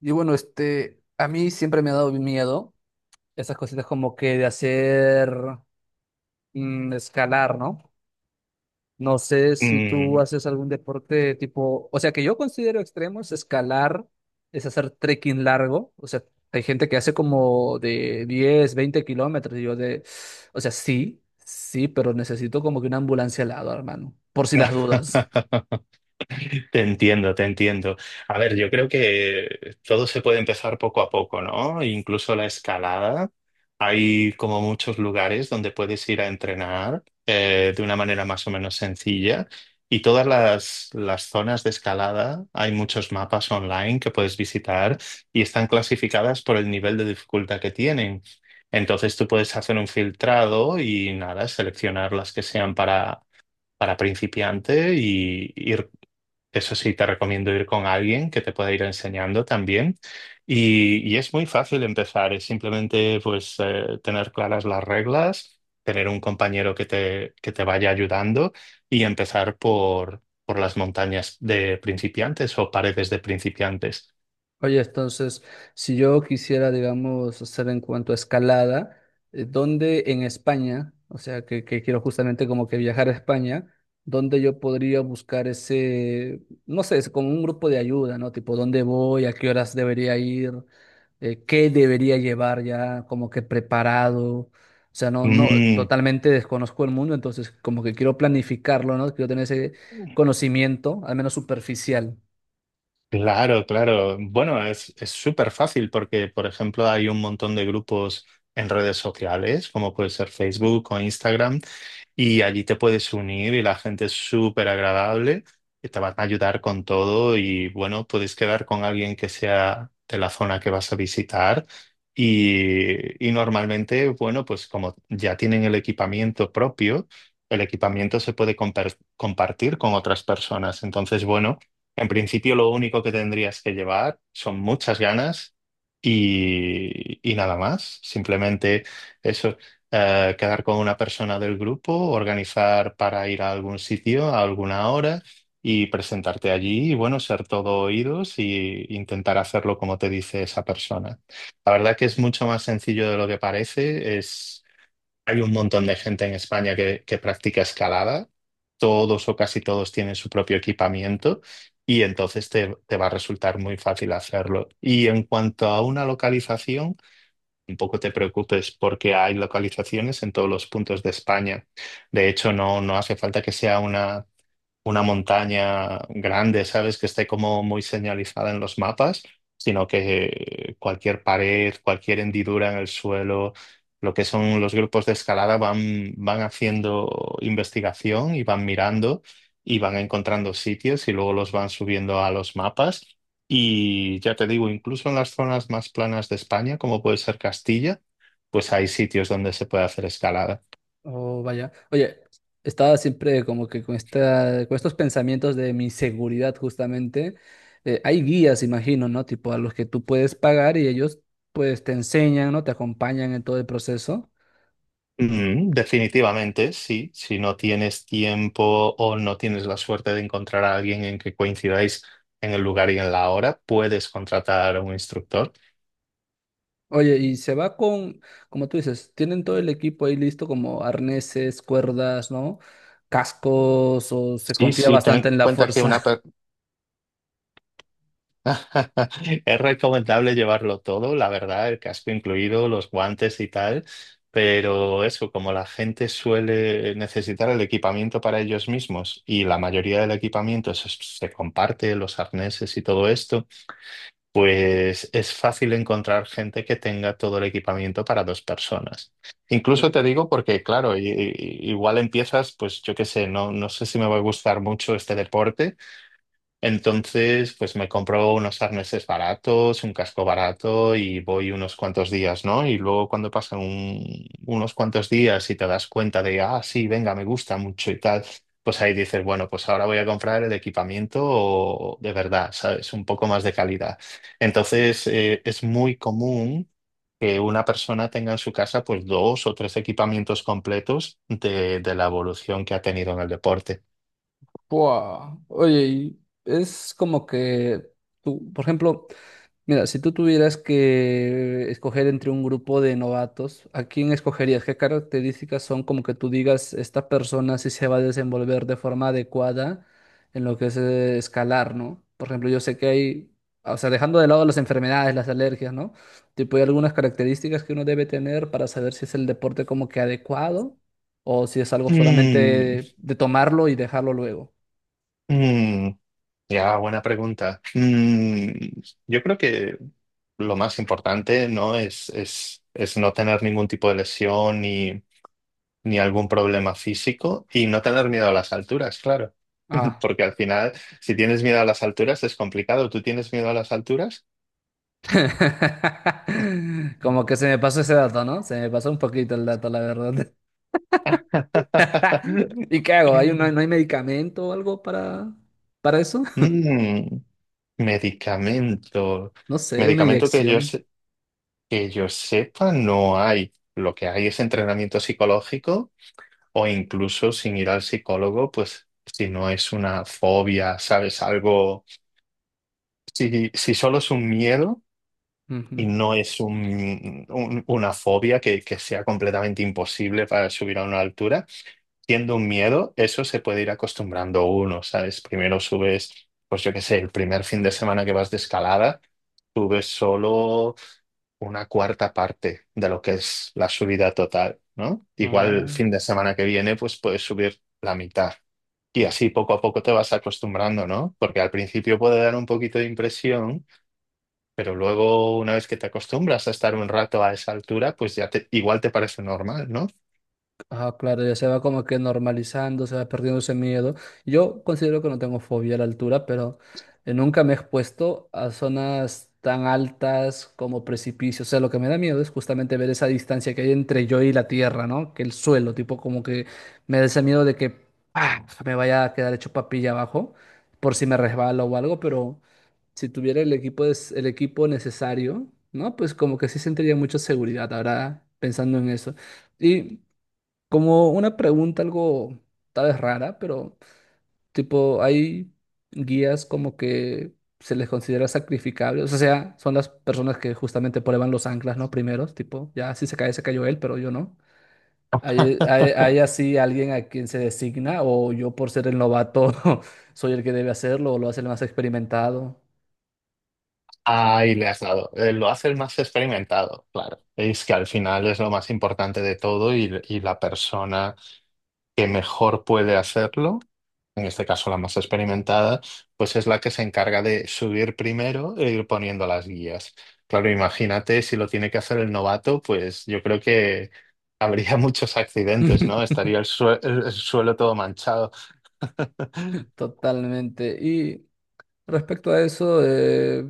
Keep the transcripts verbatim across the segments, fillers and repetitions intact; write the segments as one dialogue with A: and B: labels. A: Y bueno, este, a mí siempre me ha dado miedo esas cositas como que de hacer mm, escalar, ¿no? No sé si
B: Mm.
A: tú haces algún deporte tipo, o sea, que yo considero extremo es escalar, es hacer trekking largo, o sea, hay gente que hace como de diez veinte kilómetros, y yo de, o sea, sí, sí, pero necesito como que una ambulancia al lado, hermano, por si las dudas.
B: Te entiendo, te entiendo. A ver, yo creo que todo se puede empezar poco a poco, ¿no? Incluso la escalada. Hay como muchos lugares donde puedes ir a entrenar eh, de una manera más o menos sencilla. Y todas las, las zonas de escalada, hay muchos mapas online que puedes visitar y están clasificadas por el nivel de dificultad que tienen. Entonces tú puedes hacer un filtrado y nada, seleccionar las que sean para para principiante y ir, eso sí, te recomiendo ir con alguien que te pueda ir enseñando también. Y, y es muy fácil empezar, es simplemente pues eh, tener claras las reglas, tener un compañero que te, que te vaya ayudando y empezar por, por las montañas de principiantes o paredes de principiantes.
A: Oye, entonces, si yo quisiera, digamos, hacer en cuanto a escalada, eh, ¿dónde en España, o sea, que, que quiero justamente como que viajar a España, dónde yo podría buscar ese, no sé, es como un grupo de ayuda, ¿no? Tipo, ¿dónde voy? ¿A qué horas debería ir? eh, qué debería llevar ya como que preparado. O sea, no, no,
B: Mm.
A: totalmente desconozco el mundo, entonces como que quiero planificarlo, ¿no? Quiero tener ese conocimiento, al menos superficial.
B: Claro, claro. Bueno, es es súper fácil porque, por ejemplo, hay un montón de grupos en redes sociales, como puede ser Facebook o Instagram, y allí te puedes unir y la gente es súper agradable, y te van a ayudar con todo y bueno, puedes quedar con alguien que sea de la zona que vas a visitar y, y normalmente, bueno, pues como ya tienen el equipamiento propio, el equipamiento se puede compar- compartir con otras personas. Entonces, bueno, en principio lo único que tendrías que llevar son muchas ganas y, y nada más. Simplemente. Eso, eh, quedar con una persona del grupo, organizar para ir a algún sitio a alguna hora y presentarte allí y bueno, ser todo oídos y intentar hacerlo como te dice esa persona. La verdad que es mucho más sencillo de lo que parece. Es, hay un montón de gente en España que, que practica escalada. Todos o casi todos tienen su propio equipamiento y entonces te, te va a resultar muy fácil hacerlo. Y en cuanto a una localización, tampoco te preocupes porque hay localizaciones en todos los puntos de España. De hecho, no, no hace falta que sea una una montaña grande, ¿sabes? Que esté como muy señalizada en los mapas, sino que cualquier pared, cualquier hendidura en el suelo, lo que son los grupos de escalada van, van haciendo investigación y van mirando y van encontrando sitios y luego los van subiendo a los mapas. Y ya te digo, incluso en las zonas más planas de España, como puede ser Castilla, pues hay sitios donde se puede hacer escalada.
A: Oh, vaya. Oye, estaba siempre como que con esta, con estos pensamientos de mi seguridad, justamente. Eh, hay guías, imagino, ¿no? Tipo a los que tú puedes pagar y ellos pues te enseñan, ¿no? Te acompañan en todo el proceso.
B: Mm, definitivamente, sí. Si no tienes tiempo o no tienes la suerte de encontrar a alguien en que coincidáis en el lugar y en la hora, puedes contratar a un instructor.
A: Oye, y se va con, como tú dices, tienen todo el equipo ahí listo, como arneses, cuerdas, ¿no? Cascos, o se
B: Sí,
A: confía
B: sí, ten en
A: bastante en la
B: cuenta que
A: fuerza.
B: una per- es recomendable llevarlo todo, la verdad, el casco incluido, los guantes y tal, pero eso, como la gente suele necesitar el equipamiento para ellos mismos y la mayoría del equipamiento se, se comparte, los arneses y todo esto. Pues es fácil encontrar gente que tenga todo el equipamiento para dos personas. Incluso
A: Oh.
B: te digo porque, claro, i- i- igual empiezas, pues yo qué sé, no, no sé si me va a gustar mucho este deporte. Entonces, pues me compro unos arneses baratos, un casco barato y voy unos cuantos días, ¿no? Y luego cuando pasan un- unos cuantos días y te das cuenta de, ah, sí, venga, me gusta mucho y tal, pues ahí dices, bueno, pues ahora voy a comprar el equipamiento de verdad, ¿sabes? Un poco más de calidad. Entonces, eh, es muy común que una persona tenga en su casa pues dos o tres equipamientos completos de, de la evolución que ha tenido en el deporte.
A: Buah. Oye, y es como que tú, por ejemplo. Mira, si tú tuvieras que escoger entre un grupo de novatos, ¿a quién escogerías? ¿Qué características son como que tú digas, esta persona sí se va a desenvolver de forma adecuada en lo que es eh, escalar, ¿no? Por ejemplo, yo sé que hay, o sea, dejando de lado las enfermedades, las alergias, ¿no? Tipo, hay algunas características que uno debe tener para saber si es el deporte como que adecuado o si es algo
B: Mm,
A: solamente de tomarlo y dejarlo luego.
B: mm. Ya, buena pregunta. Mm, yo creo que lo más importante, ¿no? Es, es, es no tener ningún tipo de lesión ni, ni algún problema físico y no tener miedo a las alturas, claro.
A: Ah.
B: Porque al final, si tienes miedo a las alturas, es complicado. ¿Tú tienes miedo a las alturas?
A: Como que se me pasó ese dato, ¿no? Se me pasó un poquito el dato, la verdad. ¿Y qué hago? ¿Hay un- no hay no medicamento o algo para, para eso?
B: Mm, medicamento.
A: No sé, una
B: Medicamento que yo,
A: inyección.
B: se- que yo sepa, no hay. Lo que hay es entrenamiento psicológico. O incluso sin ir al psicólogo, pues si no es una fobia, ¿sabes? Algo, si, si solo es un miedo y
A: Ujú.
B: no es un, un- una fobia que, que sea completamente imposible para subir a una altura, siendo un miedo, eso se puede ir acostumbrando uno, ¿sabes? Primero subes, pues yo qué sé, el primer fin de semana que vas de escalada, subes solo una cuarta parte de lo que es la subida total, ¿no? Igual el
A: Oh.
B: fin de semana que viene, pues puedes subir la mitad. Y así poco a poco te vas acostumbrando, ¿no? Porque al principio puede dar un poquito de impresión, pero luego una vez que te acostumbras a estar un rato a esa altura, pues ya te, igual te parece normal, ¿no?
A: Ah, claro, ya se va como que normalizando, se va perdiendo ese miedo. Yo considero que no tengo fobia a la altura, pero eh, nunca me he expuesto a zonas tan altas como precipicios. O sea, lo que me da miedo es justamente ver esa distancia que hay entre yo y la tierra, ¿no? Que el suelo, tipo como que me da ese miedo de que ¡pah! Me vaya a quedar hecho papilla abajo por si me resbalo o algo, pero si tuviera el equipo, des- el equipo necesario, ¿no? Pues como que sí sentiría mucha seguridad ahora pensando en eso. Y como una pregunta algo tal vez rara, pero tipo, hay guías como que se les considera sacrificables. O sea, son las personas que justamente prueban los anclas, ¿no? Primeros, tipo, ya si se cae, se cayó él, pero yo no. ¿Hay, hay, hay así alguien a quien se designa o yo por ser el novato soy el que debe hacerlo o lo hace el más experimentado?
B: Ahí le has dado. Eh, Lo haces más experimentado, claro. Es que al final es lo más importante de todo y, y la persona que mejor puede hacerlo en este caso la más experimentada, pues es la que se encarga de subir primero e ir poniendo las guías. Claro, imagínate si lo tiene que hacer el novato, pues yo creo que habría muchos accidentes, ¿no? Estaría el, sue- el- el suelo todo manchado.
A: Totalmente. Y respecto a eso, eh,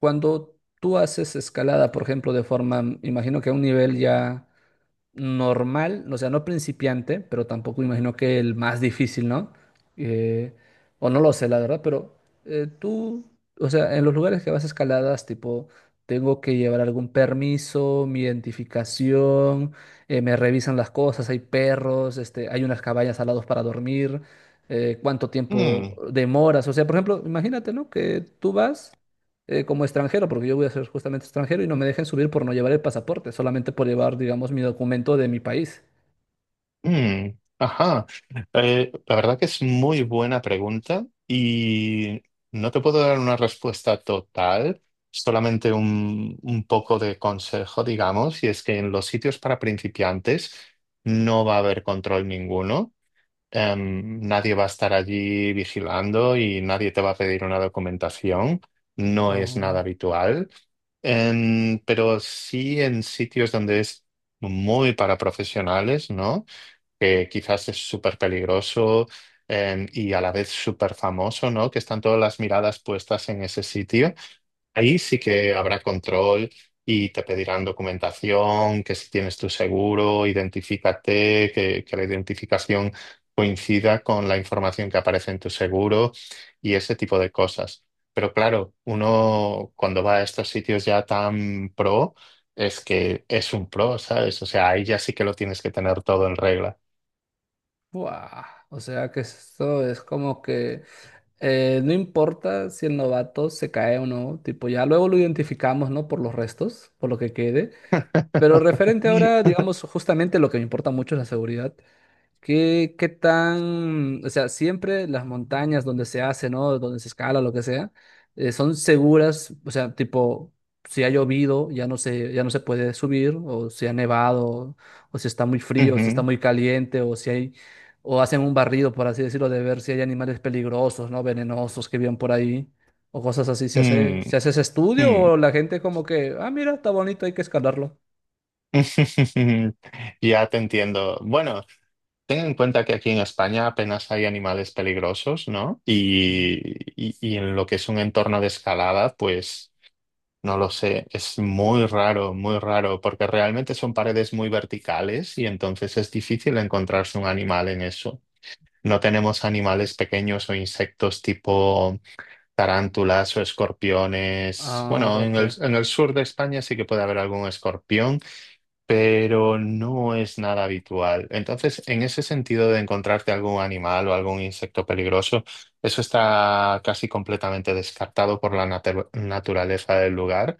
A: cuando tú haces escalada, por ejemplo, de forma, mm, imagino que a un nivel ya normal, o sea, no principiante, pero tampoco imagino que el más difícil, ¿no? Eh, o no lo sé, la verdad, pero eh, tú, o sea, en los lugares que vas a escaladas, tipo, tengo que llevar algún permiso, mi identificación, eh, me revisan las cosas, hay perros, este, hay unas cabañas al lado para dormir, eh, cuánto tiempo
B: Mm,
A: demoras, o sea, por ejemplo, imagínate, ¿no? Que tú vas eh, como extranjero, porque yo voy a ser justamente extranjero y no me dejen subir por no llevar el pasaporte, solamente por llevar, digamos, mi documento de mi país.
B: mm, ajá. Eh, la verdad que es muy buena pregunta y no te puedo dar una respuesta total, solamente un, un poco de consejo, digamos, y es que en los sitios para principiantes no va a haber control ninguno. Em, nadie va a estar allí vigilando y nadie te va a pedir una documentación. No es
A: Ah,
B: nada habitual. En- pero sí en sitios donde es muy para profesionales, ¿no? Que quizás es súper peligroso eh, y a la vez súper famoso, ¿no? Que están todas las miradas puestas en ese sitio. Ahí sí que habrá control y te pedirán documentación, que si tienes tu seguro, identifícate, que, que la identificación coincida con la información que aparece en tu seguro y ese tipo de cosas. Pero claro, uno cuando va a estos sitios ya tan pro, es que es un pro, ¿sabes? O sea, ahí ya sí que lo tienes que tener todo en regla.
A: buah. O sea que esto es como que eh, no importa si el novato se cae o no, tipo ya luego lo identificamos, ¿no? Por los restos, por lo que quede. Pero referente ahora,
B: Ay.
A: digamos, justamente lo que me importa mucho es la seguridad. ¿Qué, qué tan, o sea, siempre las montañas donde se hace, ¿no? Donde se escala, lo que sea, eh, son seguras, o sea, tipo, si ha llovido, ya no se, ya no se puede subir, o si ha nevado, o si está muy frío, o si está
B: Ujú,
A: muy caliente, o si hay, o hacen un barrido, por así decirlo, de ver si hay animales peligrosos, ¿no? Venenosos que viven por ahí, o cosas así. ¿Se hace,
B: mm,
A: se hace ese estudio o
B: mm.
A: la gente como que, ah, mira, está bonito, hay que escalarlo?
B: Ya te entiendo. Bueno, ten en cuenta que aquí en España apenas hay animales peligrosos, ¿no?
A: Mm.
B: Y, y- y en lo que es un entorno de escalada, pues no lo sé, es muy raro, muy raro, porque realmente son paredes muy verticales y entonces es difícil encontrarse un animal en eso. No tenemos animales pequeños o insectos tipo... Tarántulas o escorpiones.
A: Ah,
B: Bueno, en
A: ok.
B: el, en el sur de España sí que puede haber algún escorpión, pero no es nada habitual. Entonces, en ese sentido de encontrarte algún animal o algún insecto peligroso, eso está casi completamente descartado por la natu- naturaleza del lugar.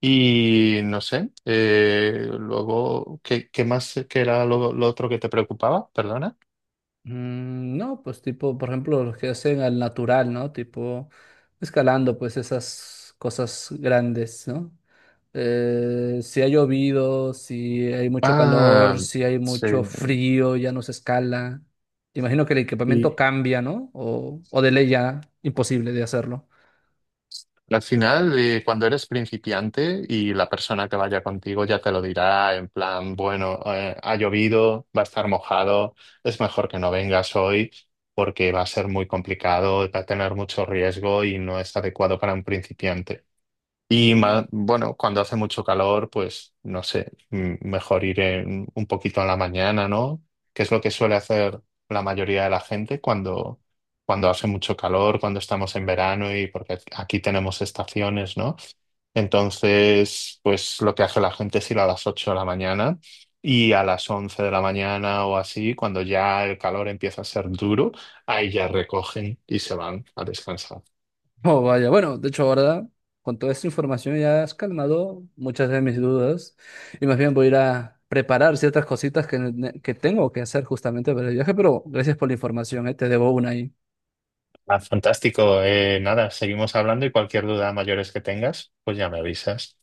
B: Y no sé, eh, luego, ¿qué, qué más, qué era lo lo otro que te preocupaba? Perdona.
A: Mm, no, pues tipo, por ejemplo, los que hacen al natural, ¿no? Tipo, escalando, pues esas cosas grandes, ¿no? Eh, si ha llovido, si hay mucho calor,
B: Ah,
A: si hay
B: sí.
A: mucho frío, ya no se escala. Imagino que el equipamiento cambia, ¿no? O, o de ley ya imposible de hacerlo.
B: Al final, eh, cuando eres principiante y la persona que vaya contigo ya te lo dirá en plan, bueno, eh, ha llovido, va a estar mojado, es mejor que no vengas hoy porque va a ser muy complicado, va a tener mucho riesgo y no es adecuado para un principiante. Y
A: Mm.
B: ma- bueno, cuando hace mucho calor, pues no sé, m- mejor ir en- un poquito a la mañana, ¿no? Que es lo que suele hacer la mayoría de la gente cuando, cuando hace mucho calor, cuando estamos en verano y porque aquí tenemos estaciones, ¿no? Entonces, pues lo que hace la gente es ir a las ocho de la mañana y a las once de la mañana o así, cuando ya el calor empieza a ser duro, ahí ya recogen y se van a descansar.
A: Oh, vaya, bueno, de hecho ahora con toda esta información ya has calmado muchas de mis dudas y más bien voy a ir a preparar ciertas cositas que, ne- que tengo que hacer justamente para el viaje, pero gracias por la información, ¿eh? Te debo una ahí.
B: Ah, fantástico. Eh, nada, seguimos hablando y cualquier duda mayores que tengas, pues ya me avisas.